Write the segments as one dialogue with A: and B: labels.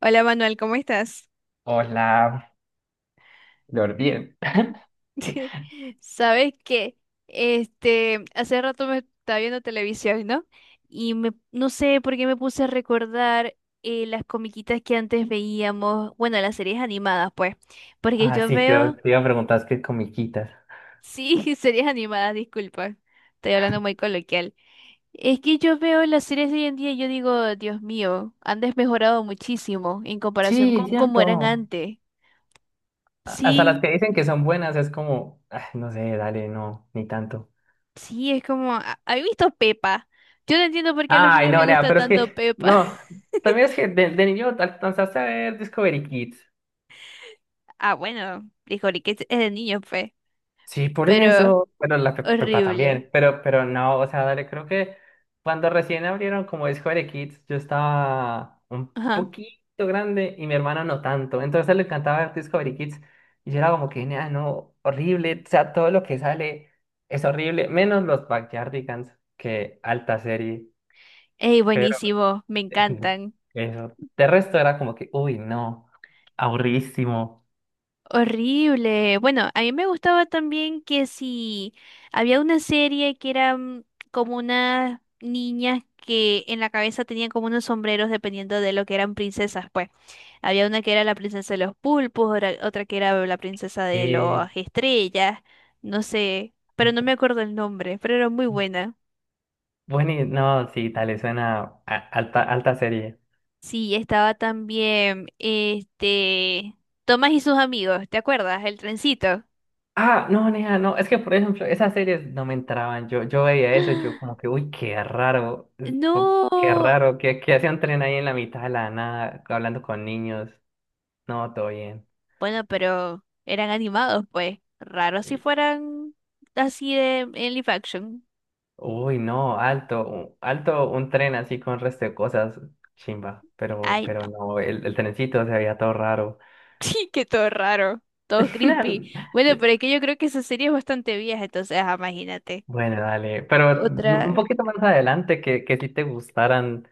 A: Hola Manuel, ¿cómo estás?
B: Hola, Lord, bien.
A: Sabes que hace rato me estaba viendo televisión, ¿no? Y me no sé por qué me puse a recordar las comiquitas que antes veíamos, bueno, las series animadas, pues, porque
B: Ah,
A: yo
B: sí, yo
A: veo,
B: te iba a preguntar es que comiquitas.
A: sí, series animadas, disculpa, estoy hablando muy coloquial. Es que yo veo las series de hoy en día y yo digo, Dios mío, han desmejorado muchísimo en comparación
B: Sí,
A: con cómo eran
B: cierto.
A: antes.
B: Hasta las
A: Sí.
B: que dicen que son buenas es como, ah, no sé, dale, no, ni tanto.
A: Sí, es como, ¿habéis visto Pepa? Yo no entiendo por qué a los
B: Ay,
A: niños
B: no,
A: les
B: nea,
A: gusta
B: pero es
A: tanto
B: que,
A: Pepa.
B: no, también es que de niño alcanzaste a ver Discovery Kids.
A: Ah, bueno, dijo que es de niños, fe.
B: Sí, por
A: Pero
B: eso. Bueno, la Pepa
A: horrible.
B: también, pero no, o sea, dale, creo que cuando recién abrieron como Discovery Kids, yo estaba un
A: Ajá.
B: poquito grande y mi hermano no tanto. Entonces a él le encantaba ver Discovery Kids y yo era como que, "Nah, no, horrible, o sea, todo lo que sale es horrible, menos los Backyardigans, que alta serie,
A: Ey,
B: pero
A: buenísimo, me encantan.
B: eso. De resto era como que, uy, no, aburridísimo.
A: Horrible. Bueno, a mí me gustaba también que si había una serie que eran como unas niñas que en la cabeza tenían como unos sombreros dependiendo de lo que eran princesas, pues. Había una que era la princesa de los pulpos, otra que era la princesa de
B: Eh,
A: las estrellas, no sé, pero no me acuerdo el nombre, pero era muy buena.
B: Bueno, no, sí, dale, suena alta, alta serie.
A: Sí, estaba también Tomás y sus amigos, ¿te acuerdas? El trencito.
B: Ah, no, nea, no, es que por ejemplo, esas series no me entraban. Yo veía eso, y yo como que, uy, qué raro, esto, qué
A: No.
B: raro, que hace un tren ahí en la mitad de la nada, hablando con niños. No, todo bien.
A: Bueno, pero eran animados, pues. Raro si
B: Y,
A: fueran así de en live action.
B: uy, no, alto, alto, un tren así con resto de cosas, chimba.
A: Ay,
B: Pero
A: no.
B: no, el trencito se veía todo raro.
A: Sí, que todo raro, todo creepy. Bueno, pero es que yo creo que esa serie es bastante vieja, entonces, ajá, imagínate.
B: Bueno, dale, pero un
A: Otra.
B: poquito más adelante que si te gustaran.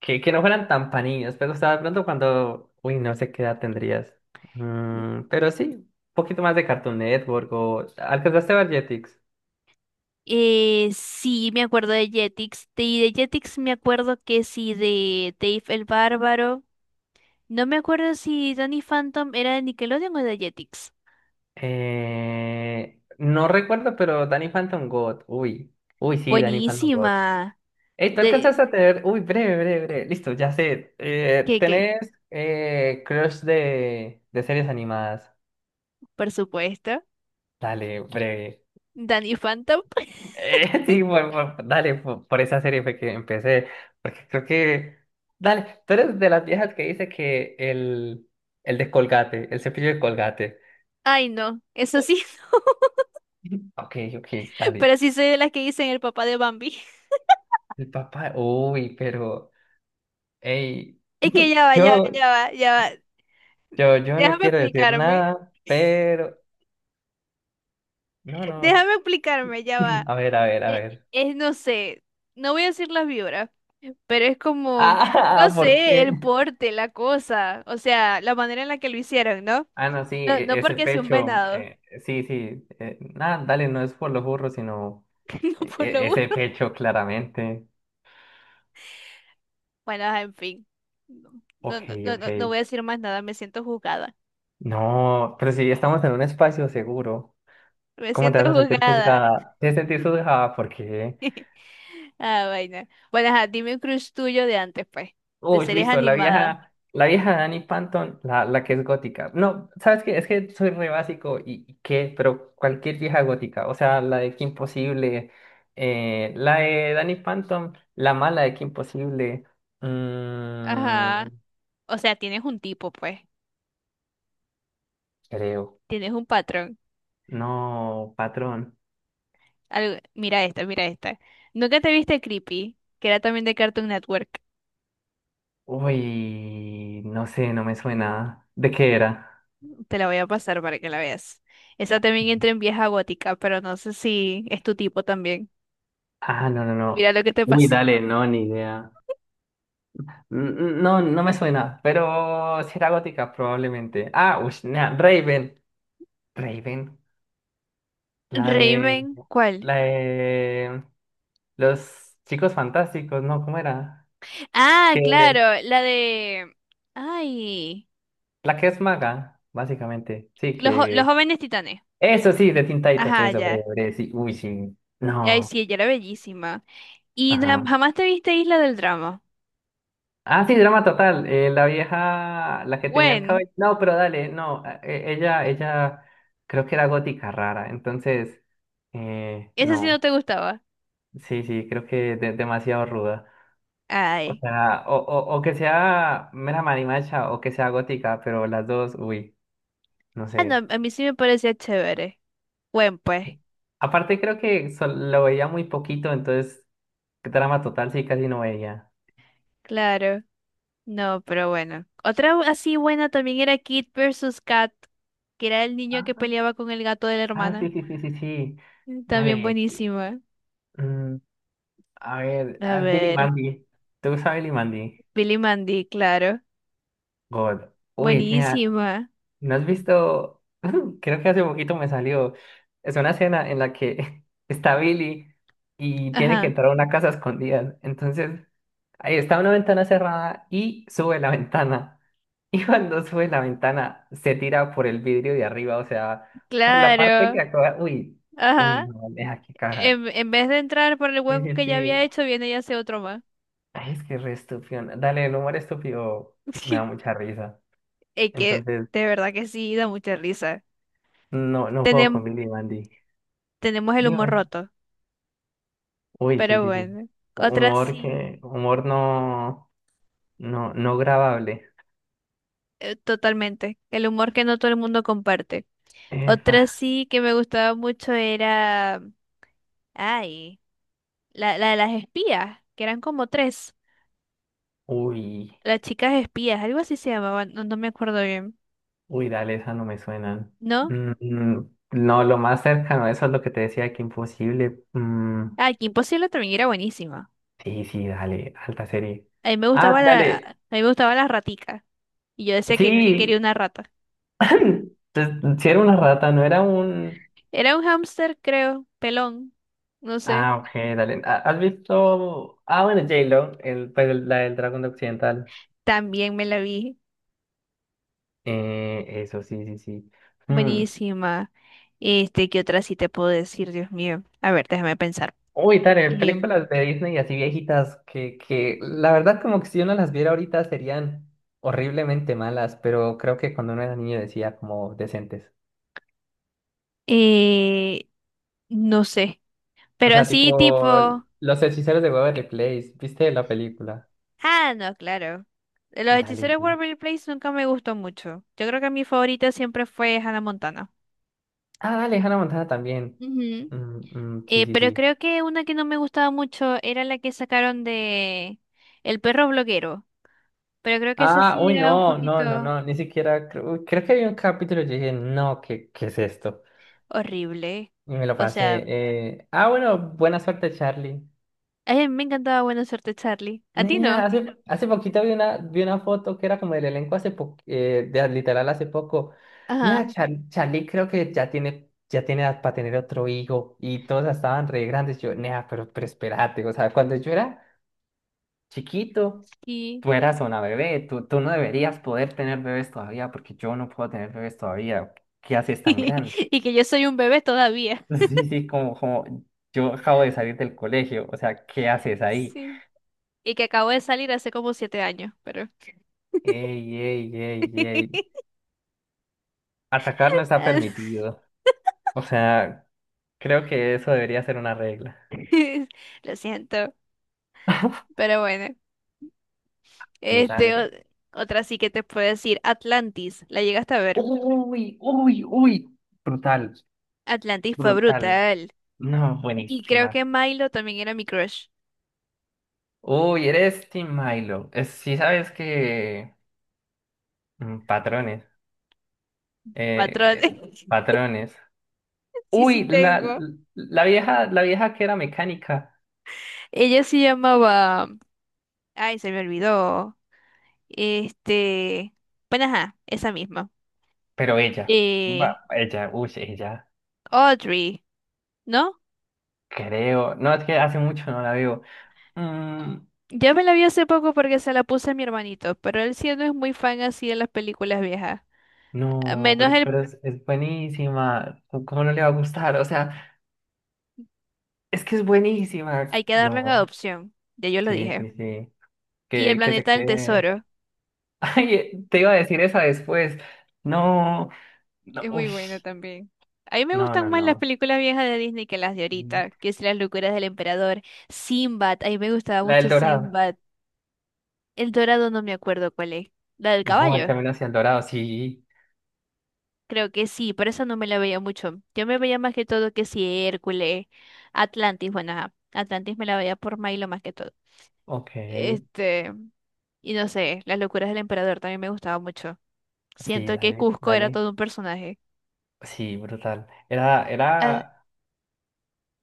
B: Que no fueran tan pa' niños, pero o sea, de pronto cuando, uy, no sé qué edad tendrías. Mm, pero sí, un poquito más de Cartoon Network o... ¿Alcanzaste a ver Jetix?
A: Sí, me acuerdo de Jetix. De, y de Jetix me acuerdo que sí, de Dave el Bárbaro. No me acuerdo si Danny Phantom era de Nickelodeon o de Jetix.
B: No recuerdo, pero Danny Phantom God. Uy, uy, sí, Danny Phantom God.
A: Buenísima.
B: Ey, ¿tú
A: De,
B: alcanzaste a tener? Uy, breve, breve, breve. Listo, ya sé.
A: ¿qué, qué?
B: ¿Tenés crush de series animadas?
A: Por supuesto.
B: Dale, breve.
A: Danny Phantom.
B: Sí, dale, por esa serie fue que empecé, porque creo que, dale, tú eres de las viejas que dice que el de Colgate, el cepillo de Colgate.
A: Ay, no, eso sí, no.
B: Ok, ok, dale.
A: Pero sí soy de las que dicen el papá de Bambi.
B: El papá, uy, pero, hey,
A: Es que ya va,
B: yo,
A: ya va, ya va, ya va.
B: yo no
A: Déjame
B: quiero decir
A: explicarme.
B: nada, pero, no, no,
A: Déjame explicarme, ya va.
B: a ver, a ver, a
A: Eh,
B: ver.
A: Es, no sé, no voy a decir las vibras, pero es como, no
B: Ah, ¿por
A: sé,
B: qué?
A: el porte, la cosa, o sea, la manera en la que lo hicieron, ¿no?
B: Ah, no, sí,
A: No, no
B: ese
A: porque sea un
B: pecho,
A: venado,
B: sí, sí, nada, dale, no es por los burros, sino
A: no por lo
B: Ese
A: uno.
B: pecho claramente.
A: Bueno, ajá, en fin. No,
B: Ok,
A: no, no, no, no
B: ok.
A: voy a decir más nada, me siento juzgada.
B: No, pero si estamos en un espacio seguro,
A: Me
B: ¿cómo te
A: siento
B: vas a sentir
A: juzgada.
B: juzgada? Te vas a sentir juzgada porque,
A: Ah, vaina. Bueno, ajá, dime un crush tuyo de antes, pues. De
B: uy,
A: series
B: listo,
A: animadas.
B: la vieja Danny phantom la que es gótica. No, ¿sabes qué? Es que soy re básico y qué, pero cualquier vieja gótica, o sea, la de Kim Possible, la de Danny phantom la mala de Kim Possible, mm,
A: Ajá. O sea, tienes un tipo, pues.
B: creo.
A: Tienes un patrón.
B: No, patrón.
A: Mira esta, mira esta. ¿Nunca te viste Creepy? Que era también de Cartoon Network.
B: Uy, no sé, no me suena. ¿De qué era?
A: Te la voy a pasar para que la veas. Esa también entra en vieja gótica, pero no sé si es tu tipo también.
B: Ah, no, no, no.
A: Mira lo que te
B: Uy,
A: pasé.
B: dale, no, ni idea. Mm, no, no me suena, pero si era gótica, probablemente. Ah, uy, nah, Raven. Raven, la de,
A: Raven, ¿cuál?
B: la de los chicos fantásticos, ¿no? ¿Cómo era?
A: Ah,
B: Que,
A: claro, la de... Ay,
B: la que es maga, básicamente. Sí,
A: los
B: que,
A: jóvenes titanes.
B: eso sí, de Teen Titans,
A: Ajá,
B: eso,
A: ya.
B: breve, breve, sí. Uy, sí.
A: Ay, sí,
B: No,
A: ella era bellísima. ¿Y
B: ajá.
A: jamás te viste Isla del Drama?
B: Ah, sí, drama total. La vieja, la que tenía el
A: Gwen,
B: cabello. No, pero dale, no. Ella creo que era gótica rara. Entonces,
A: ese sí no
B: no.
A: te gustaba.
B: Sí, sí, creo que demasiado ruda. O
A: Ay.
B: sea, o que sea mera marimacha o que sea gótica, pero las dos, uy, no
A: Ah, no,
B: sé.
A: a mí sí me parecía chévere. Gwen, pues.
B: Aparte, creo que lo veía muy poquito, entonces, drama total sí casi no veía.
A: Claro. No, pero bueno. Otra así buena también era Kid versus Kat, que era el niño que
B: Ajá.
A: peleaba con el gato de la
B: Ah,
A: hermana.
B: sí, sí, sí, sí, sí.
A: Mm, también
B: Dale.
A: buenísima.
B: A ver,
A: A
B: a Billy
A: ver.
B: Mandy. ¿Te gusta Billy Mandy?
A: Billy Mandy, claro.
B: God. Uy, mira,
A: Buenísima.
B: ¿no has visto? Creo que hace poquito me salió. Es una escena en la que está Billy y tiene que
A: Ajá.
B: entrar a una casa escondida. Entonces, ahí está una ventana cerrada y sube la ventana. Y cuando sube la ventana, se tira por el vidrio de arriba, o sea, por la parte que
A: Claro.
B: acaba. Uy, uy,
A: Ajá.
B: no, deja que caja.
A: En vez de entrar por el
B: Sí,
A: hueco
B: sí,
A: que ya había
B: sí.
A: hecho, viene y hace otro más.
B: Ay, es que es re estúpido. Dale, el humor estúpido me da
A: Sí,
B: mucha risa.
A: es que
B: Entonces,
A: de verdad que sí, da mucha risa.
B: no, no puedo
A: Tenem-
B: con Billy Mandy.
A: tenemos el humor
B: Dime.
A: roto,
B: Uy, sí,
A: pero
B: sí, sí.
A: bueno. Otra
B: Humor
A: sí,
B: que, humor no, no, no grabable.
A: totalmente. El humor que no todo el mundo comparte.
B: Epa.
A: Otra sí que me gustaba mucho era, ay, la de las espías, que eran como tres.
B: Uy,
A: Las chicas espías, algo así se llamaban, no, no me acuerdo bien.
B: uy, dale, esas no me suenan.
A: ¿No?
B: Mm, no, lo más cercano, eso es lo que te decía, que imposible. Mm,
A: Ah, que Imposible también era buenísima.
B: sí, sí, dale, alta serie.
A: A mí me
B: Ah,
A: gustaba la, a
B: dale,
A: mí me gustaba la ratica. Y yo decía que quería
B: sí.
A: una rata.
B: Entonces, si era una rata, no era un...
A: Era un hámster, creo, pelón, no sé.
B: Ah, ok, dale. Ah, ¿has visto? Ah, bueno, J-Lo, el, pues la del Dragón de Occidental.
A: También me la vi.
B: Eso, sí, sí, sí. Mm.
A: Buenísima. Este, ¿qué otra sí te puedo decir, Dios mío? A ver, déjame pensar.
B: Uy, dale,
A: Em,
B: películas de Disney así viejitas que la verdad como que si uno las viera ahorita serían horriblemente malas, pero creo que cuando uno era niño decía como decentes.
A: eh, no sé.
B: O
A: Pero
B: sea,
A: así
B: tipo
A: tipo.
B: Los Hechiceros de Waverly Place, ¿viste la película?
A: Ah, no, claro. De Los hechiceros
B: Dale,
A: de
B: sí.
A: Waverly Place nunca me gustó mucho. Yo creo que mi favorita siempre fue Hannah Montana.
B: Ah, dale, Hannah Montana también.
A: Ujú.
B: Mm, mm, sí, sí,
A: Pero
B: sí.
A: creo que una que no me gustaba mucho era la que sacaron de El perro bloguero. Pero creo que esa
B: Ah,
A: sí
B: uy,
A: era un
B: no, no, no,
A: poquito.
B: no, ni siquiera, creo, uy, creo que había un capítulo y yo dije, no, ¿qué, qué es esto?
A: Horrible.
B: Y me lo
A: O sea,
B: pasé. Ah, bueno, buena suerte, Charlie.
A: a mí me encantaba Buena Suerte Charlie. ¿A ti
B: Nea,
A: no?
B: hace poquito vi una foto que era como del elenco de literal hace poco. Nea,
A: Ajá.
B: Charlie creo que ya tiene edad para tener otro hijo y todos estaban re grandes. Yo, nea, pero espérate, o sea, cuando yo era chiquito,
A: Y,
B: tú eras una bebé, tú no deberías poder tener bebés todavía porque yo no puedo tener bebés todavía. ¿Qué haces tan grande?
A: y que yo soy un bebé todavía.
B: Sí, sí, como, como yo acabo de salir del colegio, o sea, ¿qué haces ahí?
A: Sí. Y que acabo de salir hace como 7 años, pero...
B: Ey, ey, ey, ey. Atacar no está permitido. O sea, creo que eso debería ser una regla.
A: Lo siento, pero bueno.
B: Y
A: Este,
B: dale.
A: otra sí que te puedo decir, Atlantis. ¿La llegaste a ver?
B: Uy, uy, uy. Brutal,
A: Atlantis fue
B: brutal.
A: brutal.
B: No,
A: Y creo
B: buenísima.
A: que Milo también era mi crush.
B: Uy, eres Team Milo. Sí sabes que mm, patrones.
A: Patrón.
B: Eh, eh, Patrones.
A: Sí, sí
B: Uy, la,
A: tengo.
B: la vieja que era mecánica,
A: Ella se llamaba... Ay, se me olvidó. Este, bueno, ajá, esa misma.
B: pero ella.
A: Eh,
B: Ella, uy, ella.
A: Audrey, ¿no?
B: Creo. No, es que hace mucho no la veo. Mm,
A: Yo me la vi hace poco porque se la puse a mi hermanito, pero él sí no es muy fan así de las películas viejas. A
B: no,
A: Menos el.
B: pero es buenísima. ¿Cómo cómo no le va a gustar? O sea, es que es buenísima.
A: Hay que darlo en
B: No,
A: adopción, ya yo lo
B: sí,
A: dije.
B: sí, sí.
A: Y El
B: Que se
A: planeta del
B: quede.
A: tesoro,
B: Ay, te iba a decir esa después. No, no,
A: es muy
B: uy.
A: buena también. A mí me
B: No,
A: gustan
B: no,
A: más las
B: no.
A: películas viejas de Disney que las de
B: Mm,
A: ahorita, que es Las locuras del emperador, Sinbad, a mí me gustaba
B: la del
A: mucho
B: Dorado.
A: Sinbad. El Dorado no me acuerdo cuál es. La del
B: No, el
A: caballo.
B: camino hacia el dorado, sí.
A: Creo que sí, pero esa no me la veía mucho. Yo me veía más que todo que si Hércules, Atlantis, bueno, ajá, Atlantis me la veía por Milo más que todo.
B: Ok.
A: Este, y no sé, las locuras del emperador también me gustaba mucho.
B: Sí,
A: Siento que
B: dale,
A: Cusco era
B: dale.
A: todo un personaje.
B: Sí, brutal. Era,
A: Ah,
B: era,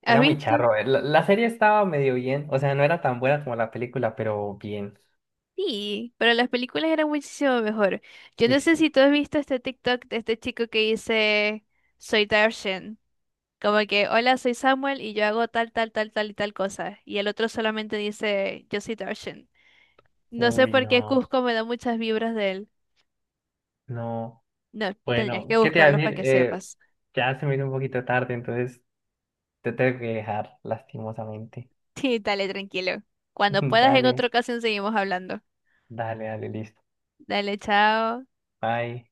A: ¿has
B: era muy
A: visto?
B: charro. La, la serie estaba medio bien. O sea, no era tan buena como la película, pero bien.
A: Sí, pero las películas eran muchísimo mejor. Yo
B: Uy,
A: no sé si
B: sí.
A: tú has visto este TikTok de este chico que dice, soy Darshan. Como que, hola, soy Samuel y yo hago tal, tal, tal, tal y tal cosa. Y el otro solamente dice, yo soy Darshan. No sé
B: Uy,
A: por qué
B: no,
A: Cusco me da muchas vibras de él.
B: no.
A: No, tendrías
B: Bueno,
A: que
B: ¿qué te iba a
A: buscarlo para
B: decir?
A: que sepas.
B: Ya se me hizo un poquito tarde, entonces te tengo que dejar, lastimosamente.
A: Sí, dale, tranquilo. Cuando puedas, en
B: Dale,
A: otra ocasión seguimos hablando.
B: dale, dale, listo.
A: Dale, chao.
B: Bye.